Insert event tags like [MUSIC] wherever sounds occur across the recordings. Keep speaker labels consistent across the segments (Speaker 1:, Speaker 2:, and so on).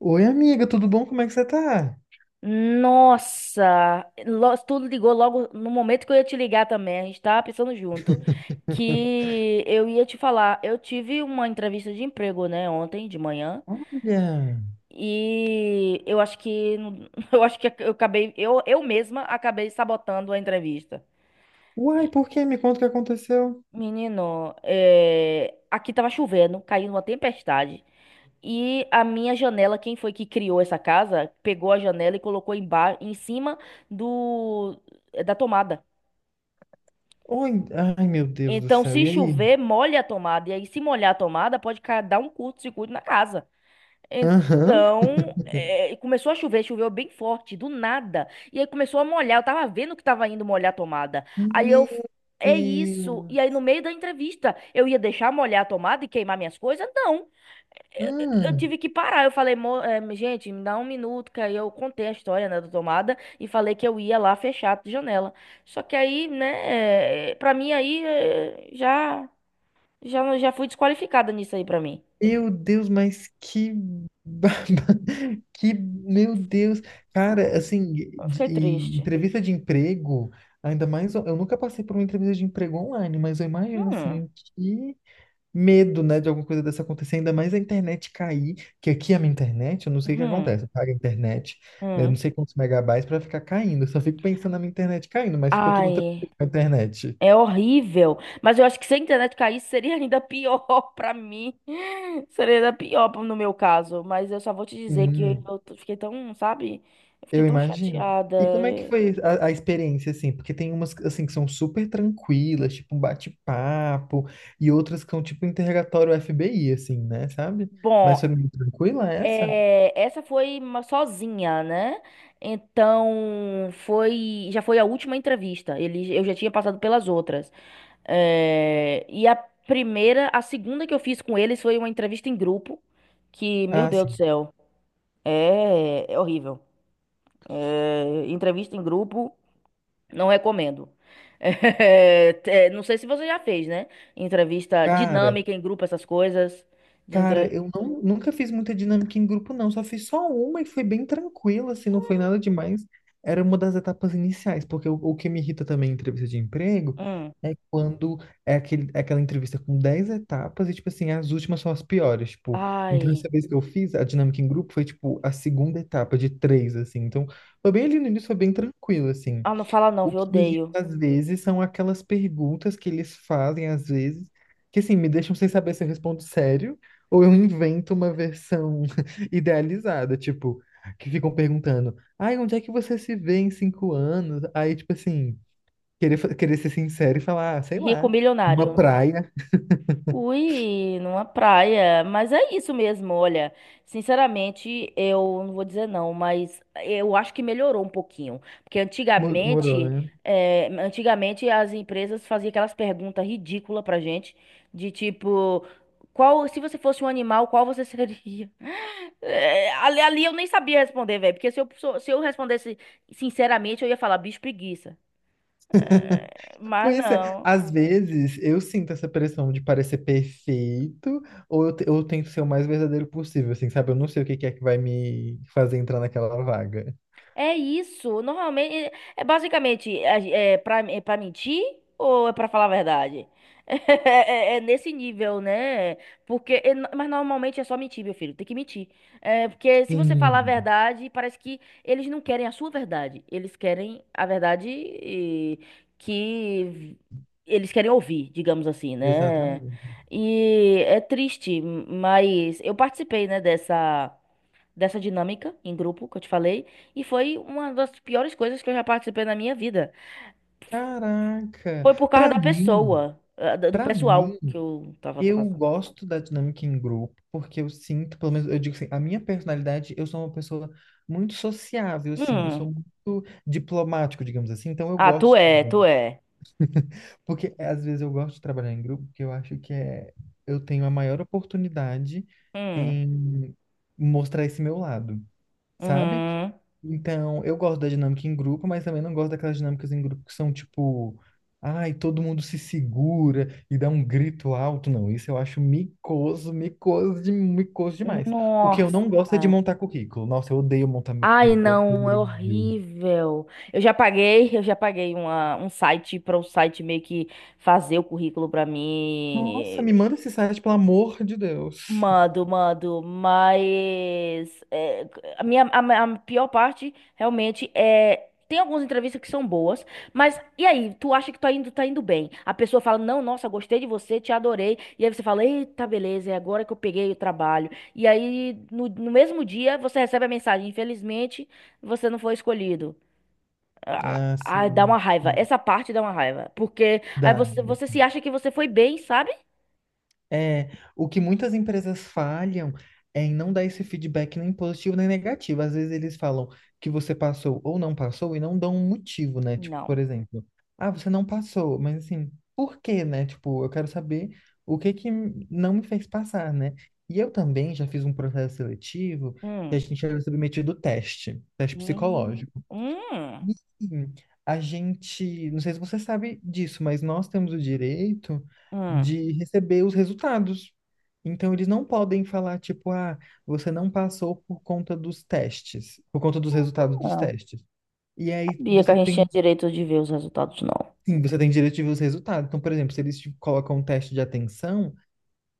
Speaker 1: Oi, amiga, tudo bom? Como é que você tá?
Speaker 2: Nossa, tu ligou logo no momento que eu ia te ligar também. A gente tava pensando junto que eu ia te falar. Eu tive uma entrevista de emprego, né, ontem de manhã.
Speaker 1: Olha.
Speaker 2: E eu acho que [LAUGHS] eu acho que eu acabei eu mesma acabei sabotando a entrevista.
Speaker 1: Uai,
Speaker 2: E,
Speaker 1: por quê? Me conta o que aconteceu.
Speaker 2: Menino, é, aqui tava chovendo, caindo uma tempestade. E a minha janela, quem foi que criou essa casa, pegou a janela e colocou embaixo, em cima do da tomada.
Speaker 1: Oi, ai, meu Deus do
Speaker 2: Então,
Speaker 1: céu,
Speaker 2: se
Speaker 1: e aí?
Speaker 2: chover, molha a tomada. E aí, se molhar a tomada, pode dar um curto-circuito na casa.
Speaker 1: Aham.
Speaker 2: Então,
Speaker 1: [LAUGHS]
Speaker 2: começou a chover, choveu bem forte, do nada. E aí começou a molhar. Eu tava vendo que tava indo molhar a tomada.
Speaker 1: Meu
Speaker 2: É isso. E aí,
Speaker 1: Deus.
Speaker 2: no meio da entrevista, eu ia deixar molhar a tomada e queimar minhas coisas? Não. Eu
Speaker 1: Hum.
Speaker 2: tive que parar. Eu falei, gente, me dá um minuto", que aí eu contei a história, né, da tomada e falei que eu ia lá fechar a janela. Só que aí, né, pra mim aí já já fui desqualificada nisso aí pra mim.
Speaker 1: Meu Deus, mas que baba- [LAUGHS] que meu Deus. Cara, assim,
Speaker 2: Eu fiquei
Speaker 1: e
Speaker 2: triste.
Speaker 1: entrevista de emprego, ainda mais, eu nunca passei por uma entrevista de emprego online, mas eu imagino
Speaker 2: Hum,
Speaker 1: assim que medo, né, de alguma coisa dessa acontecer, ainda mais a internet cair, que aqui é a minha internet, eu não sei o que
Speaker 2: hum,
Speaker 1: acontece, eu pago a internet, né, não
Speaker 2: hum.
Speaker 1: sei quantos megabytes para ficar caindo, eu só fico pensando na minha internet caindo, mas ficou tudo tranquilo
Speaker 2: Ai,
Speaker 1: com a internet.
Speaker 2: é horrível. Mas eu acho que se a internet caísse seria ainda pior [LAUGHS] pra mim. Seria ainda pior no meu caso, mas eu só vou te dizer que
Speaker 1: Sim,
Speaker 2: fiquei tão, sabe? Eu fiquei
Speaker 1: eu
Speaker 2: tão
Speaker 1: imagino.
Speaker 2: chateada.
Speaker 1: E como é que foi a experiência, assim? Porque tem umas, assim, que são super tranquilas, tipo um bate-papo, e outras que são tipo interrogatório FBI, assim, né, sabe? Mas foi
Speaker 2: Bom,
Speaker 1: muito tranquila essa?
Speaker 2: é, essa foi uma sozinha, né? Então foi, já foi a última entrevista. Ele, eu já tinha passado pelas outras. É, e a primeira, a segunda que eu fiz com eles foi uma entrevista em grupo, que, meu
Speaker 1: Ah,
Speaker 2: Deus do
Speaker 1: sim.
Speaker 2: céu, é, é horrível. É, entrevista em grupo, não recomendo. [LAUGHS] Não sei se você já fez, né? Entrevista
Speaker 1: Cara,
Speaker 2: dinâmica em grupo, essas coisas. De
Speaker 1: Cara,
Speaker 2: entre...
Speaker 1: eu não, nunca fiz muita dinâmica em grupo, não. Só fiz só uma e foi bem tranquila, assim, não foi nada demais. Era uma das etapas iniciais, porque o que me irrita também em entrevista de emprego
Speaker 2: Hum.
Speaker 1: é quando é aquela entrevista com 10 etapas e, tipo assim, as últimas são as piores, tipo. Então, essa
Speaker 2: Ai.
Speaker 1: vez que eu fiz a dinâmica em grupo foi, tipo, a segunda etapa de três, assim. Então, foi bem ali no início, foi bem tranquilo, assim.
Speaker 2: Ah, não fala não,
Speaker 1: O
Speaker 2: viu?
Speaker 1: que me
Speaker 2: Odeio.
Speaker 1: irrita às vezes são aquelas perguntas que eles fazem às vezes, que assim, me deixam sem saber se eu respondo sério ou eu invento uma versão [LAUGHS] idealizada, tipo, que ficam perguntando: "Ai, onde é que você se vê em 5 anos?" Aí, tipo assim, querer ser sincero e falar, ah, sei
Speaker 2: Rico
Speaker 1: lá, uma
Speaker 2: milionário.
Speaker 1: praia,
Speaker 2: Ui, numa praia. Mas é isso mesmo, olha. Sinceramente, eu não vou dizer não, mas eu acho que melhorou um pouquinho. Porque
Speaker 1: morou,
Speaker 2: antigamente,
Speaker 1: né?"
Speaker 2: antigamente as empresas faziam aquelas perguntas ridículas pra gente, de tipo, qual, se você fosse um animal, qual você seria? [LAUGHS] É, ali eu nem sabia responder, velho. Porque se eu respondesse sinceramente, eu ia falar bicho preguiça. Mas
Speaker 1: Pois é,
Speaker 2: não.
Speaker 1: às vezes eu sinto essa pressão de parecer perfeito, ou eu tento ser o mais verdadeiro possível, assim, sabe? Eu não sei o que que é que vai me fazer entrar naquela vaga.
Speaker 2: É isso. Normalmente, é para mentir ou é para falar a verdade? [LAUGHS] É nesse nível, né? Porque, é no- mas normalmente é só mentir, meu filho. Tem que mentir. É, porque se você falar a
Speaker 1: Sim,
Speaker 2: verdade, parece que eles não querem a sua verdade. Eles querem a verdade eh, que eles querem ouvir, digamos assim, né?
Speaker 1: exatamente.
Speaker 2: E é triste, mas eu participei, né, dessa dinâmica em grupo que eu te falei, e foi uma das piores coisas que eu já participei na minha vida.
Speaker 1: Caraca,
Speaker 2: Foi por causa
Speaker 1: pra
Speaker 2: da
Speaker 1: mim,
Speaker 2: pessoa, do
Speaker 1: pra
Speaker 2: pessoal
Speaker 1: mim,
Speaker 2: que eu tava
Speaker 1: eu
Speaker 2: fazendo.
Speaker 1: gosto da dinâmica em grupo, porque eu sinto, pelo menos eu digo assim, a minha personalidade, eu sou uma pessoa muito sociável, assim, eu sou
Speaker 2: Hum.
Speaker 1: muito diplomático, digamos assim, então eu
Speaker 2: Ah,
Speaker 1: gosto
Speaker 2: tu
Speaker 1: de
Speaker 2: é,
Speaker 1: trabalhar.
Speaker 2: tu é.
Speaker 1: Porque é, às vezes eu gosto de trabalhar em grupo, porque eu acho que é, eu tenho a maior oportunidade
Speaker 2: Hum.
Speaker 1: em mostrar esse meu lado, sabe?
Speaker 2: Uhum.
Speaker 1: Então, eu gosto da dinâmica em grupo, mas também não gosto daquelas dinâmicas em grupo que são tipo, ai, todo mundo se segura e dá um grito alto. Não, isso eu acho micoso, micoso, de, micoso demais. O que eu
Speaker 2: Nossa.
Speaker 1: não gosto é de montar currículo. Nossa, eu odeio montar meu
Speaker 2: Ai,
Speaker 1: currículo.
Speaker 2: não, é
Speaker 1: Odeio.
Speaker 2: horrível. Eu já paguei uma, um site para o site meio que fazer o currículo para
Speaker 1: Nossa,
Speaker 2: mim.
Speaker 1: me manda esse site, pelo amor de Deus.
Speaker 2: Mando, mando, mas é, a minha a, ma- a pior parte realmente é tem algumas entrevistas que são boas, mas e aí, tu acha que tá indo bem? A pessoa fala: "Não, nossa, gostei de você, te adorei". E aí você fala: "Eita, beleza, é agora que eu peguei o trabalho". E aí no mesmo dia você recebe a mensagem: "Infelizmente, você não foi escolhido". Ah,
Speaker 1: Ah,
Speaker 2: ah, dá uma
Speaker 1: sim.
Speaker 2: raiva. Essa parte dá uma raiva, porque aí
Speaker 1: Dá.
Speaker 2: você se acha que você foi bem, sabe?
Speaker 1: É, o que muitas empresas falham é em não dar esse feedback nem positivo nem negativo. Às vezes eles falam que você passou ou não passou e não dão um motivo, né? Tipo,
Speaker 2: Não.
Speaker 1: por exemplo, ah, você não passou, mas assim, por quê, né? Tipo, eu quero saber o que que não me fez passar, né? E eu também já fiz um processo seletivo que a
Speaker 2: Hum.
Speaker 1: gente era submetido ao teste, teste
Speaker 2: Hum,
Speaker 1: psicológico.
Speaker 2: hum.
Speaker 1: Sim, a gente, não sei se você sabe disso, mas nós temos o direito
Speaker 2: hum.
Speaker 1: de receber os resultados. Então, eles não podem falar, tipo, ah, você não passou por conta dos testes, por conta dos resultados dos
Speaker 2: Ah,
Speaker 1: testes. E aí
Speaker 2: sabia que
Speaker 1: você
Speaker 2: a gente tinha
Speaker 1: tem,
Speaker 2: direito de ver os resultados, não.
Speaker 1: sim, você tem direito de ver os resultados. Então, por exemplo, se eles te colocam um teste de atenção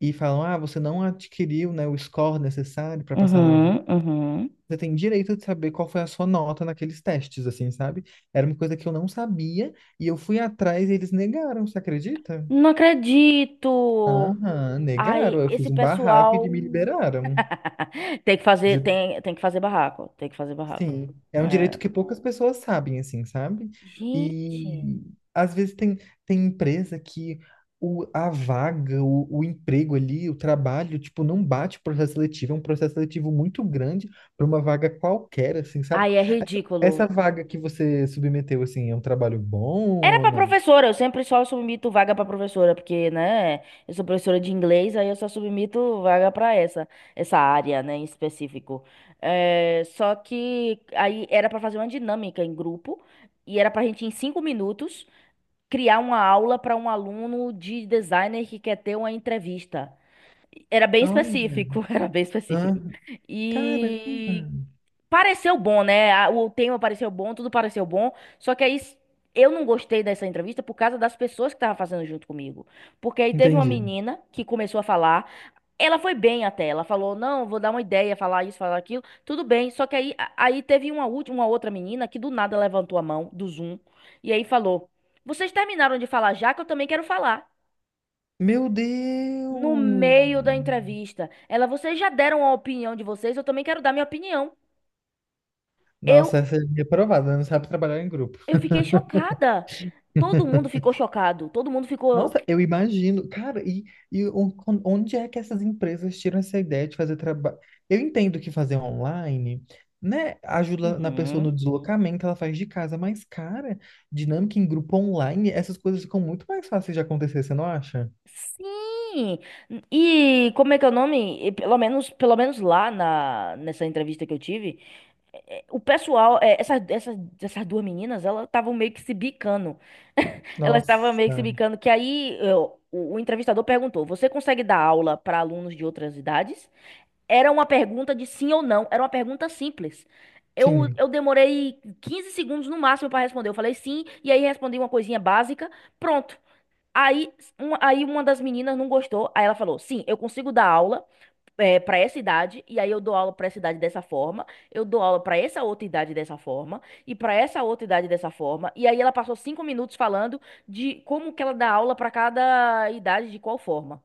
Speaker 1: e falam, ah, você não adquiriu, né, o score necessário para passar na.
Speaker 2: Uhum, uhum.
Speaker 1: Você tem direito de saber qual foi a sua nota naqueles testes, assim, sabe? Era uma coisa que eu não sabia e eu fui atrás e eles negaram, você acredita?
Speaker 2: Não acredito!
Speaker 1: Aham, negaram.
Speaker 2: Ai,
Speaker 1: Eu
Speaker 2: esse
Speaker 1: fiz um barraco e
Speaker 2: pessoal
Speaker 1: me liberaram.
Speaker 2: [LAUGHS] tem que fazer,
Speaker 1: De,
Speaker 2: tem que fazer barraco, tem que fazer barraco.
Speaker 1: sim, é um direito
Speaker 2: É.
Speaker 1: que poucas pessoas sabem, assim, sabe?
Speaker 2: Gente,
Speaker 1: E às vezes tem, tem empresa que a vaga, o emprego ali, o trabalho, tipo, não bate o processo seletivo, é um processo seletivo muito grande para uma vaga qualquer, assim, sabe?
Speaker 2: ai, é
Speaker 1: Essa, essa
Speaker 2: ridículo.
Speaker 1: vaga que você submeteu, assim, é um trabalho bom
Speaker 2: Era
Speaker 1: ou
Speaker 2: pra
Speaker 1: não?
Speaker 2: professora, eu sempre só submito vaga pra professora, porque, né, eu sou professora de inglês, aí eu só submito vaga pra essa, essa área, né, em específico. É, só que aí era pra fazer uma dinâmica em grupo, e era pra gente, em 5 minutos, criar uma aula pra um aluno de designer que quer ter uma entrevista. Era bem
Speaker 1: Olha,
Speaker 2: específico, [LAUGHS] era bem
Speaker 1: ah,
Speaker 2: específico.
Speaker 1: caramba,
Speaker 2: E Pareceu bom, né? O tema pareceu bom, tudo pareceu bom. Só que aí s- eu não gostei dessa entrevista por causa das pessoas que estavam fazendo junto comigo. Porque aí teve uma
Speaker 1: entendi.
Speaker 2: menina que começou a falar. Ela foi bem até. Ela falou: "Não, vou dar uma ideia, falar isso, falar aquilo". Tudo bem. Só que aí, aí teve uma última, uma outra menina que do nada levantou a mão do Zoom e aí falou: "Vocês terminaram de falar já que eu também quero falar.
Speaker 1: Meu
Speaker 2: No
Speaker 1: Deus!
Speaker 2: meio da entrevista, ela, vocês já deram a opinião de vocês, eu também quero dar minha opinião". Eu
Speaker 1: Nossa, essa é reprovada, né? Não sabe trabalhar em grupo.
Speaker 2: Eu fiquei chocada. Todo
Speaker 1: [LAUGHS]
Speaker 2: mundo ficou chocado. Todo mundo ficou.
Speaker 1: Nossa, eu imagino, cara, e, onde é que essas empresas tiram essa ideia de fazer trabalho? Eu entendo que fazer online, né, ajuda na pessoa
Speaker 2: Uhum.
Speaker 1: no deslocamento, ela faz de casa, mas, cara, dinâmica em grupo online, essas coisas ficam muito mais fáceis de acontecer, você não acha?
Speaker 2: Sim. E como é que é o nome? E pelo menos, pelo menos lá na, nessa entrevista que eu tive, o pessoal, essas duas meninas, elas estavam meio que se bicando. Elas estavam meio que se
Speaker 1: Nossa,
Speaker 2: bicando. Que o entrevistador perguntou: "Você consegue dar aula para alunos de outras idades?" Era uma pergunta de sim ou não, era uma pergunta simples.
Speaker 1: sim.
Speaker 2: Eu demorei 15 segundos no máximo para responder. Eu falei sim, e aí respondi uma coisinha básica, pronto. Aí, uma das meninas não gostou, aí ela falou: "Sim, eu consigo dar aula para essa idade, e aí eu dou aula para essa idade dessa forma, eu dou aula para essa outra idade dessa forma, e para essa outra idade dessa forma". E aí ela passou 5 minutos falando de como que ela dá aula para cada idade, de qual forma.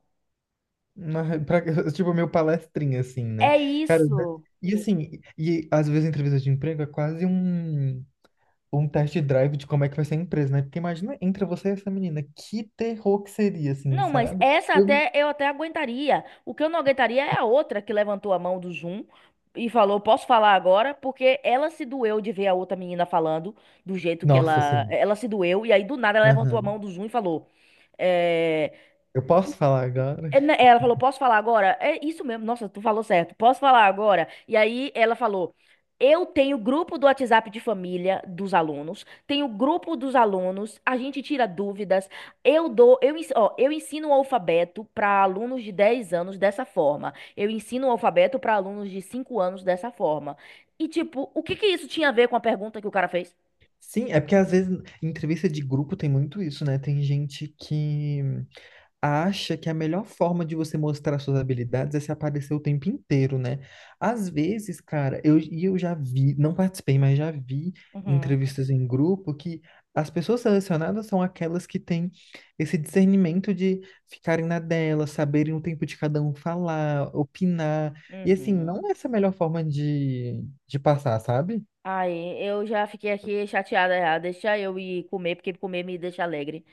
Speaker 1: Na- pra- [LAUGHS] tipo, meu palestrinha, assim, né?
Speaker 2: É
Speaker 1: Cara,
Speaker 2: isso.
Speaker 1: e assim, e às vezes a entrevista de emprego é quase um test drive de como é que vai ser a empresa, né? Porque imagina, entra você e essa menina, que terror que seria, assim,
Speaker 2: Não, mas
Speaker 1: sabe?
Speaker 2: essa
Speaker 1: Eu-
Speaker 2: até eu até aguentaria. O que eu não aguentaria é a outra que levantou a mão do Zoom e falou: "Posso falar agora?" Porque ela se doeu de ver a outra menina falando do jeito que
Speaker 1: nossa, assim.
Speaker 2: ela se doeu e aí do nada ela levantou a
Speaker 1: Aham.
Speaker 2: mão do Zoom e falou: eh,
Speaker 1: Eu posso falar agora?
Speaker 2: Ela falou: "Posso falar agora?" É isso mesmo, nossa, tu falou certo. "Posso falar agora?" E aí ela falou: "Eu tenho grupo do WhatsApp de família dos alunos, tenho grupo dos alunos, a gente tira dúvidas, eu dou, eu ensino o alfabeto para alunos de 10 anos dessa forma, eu ensino o alfabeto para alunos de 5 anos dessa forma". E tipo, o que que isso tinha a ver com a pergunta que o cara fez?
Speaker 1: Sim, é porque às vezes em entrevista de grupo tem muito isso, né? Tem gente que acha que a melhor forma de você mostrar suas habilidades é se aparecer o tempo inteiro, né? Às vezes, cara, eu, e eu já vi, não participei, mas já vi
Speaker 2: Uhum,
Speaker 1: entrevistas em grupo que as pessoas selecionadas são aquelas que têm esse discernimento de ficarem na dela, saberem o tempo de cada um falar, opinar. E assim,
Speaker 2: uhum.
Speaker 1: não é essa a melhor forma de passar, sabe?
Speaker 2: Aí, eu já fiquei aqui chateada já. Deixa eu ir comer, porque comer me deixa alegre.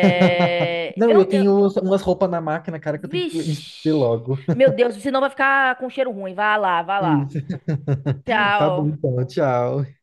Speaker 1: [LAUGHS] Não, e
Speaker 2: Eu,
Speaker 1: eu
Speaker 2: eu...
Speaker 1: tenho umas roupas na máquina, cara, que eu tenho que [LAUGHS] ver
Speaker 2: Vixe!
Speaker 1: logo.
Speaker 2: Meu Deus, senão vai ficar com cheiro ruim. Vá lá, vá lá.
Speaker 1: Isso. [LAUGHS] Tá bom,
Speaker 2: Tchau.
Speaker 1: então. Tchau.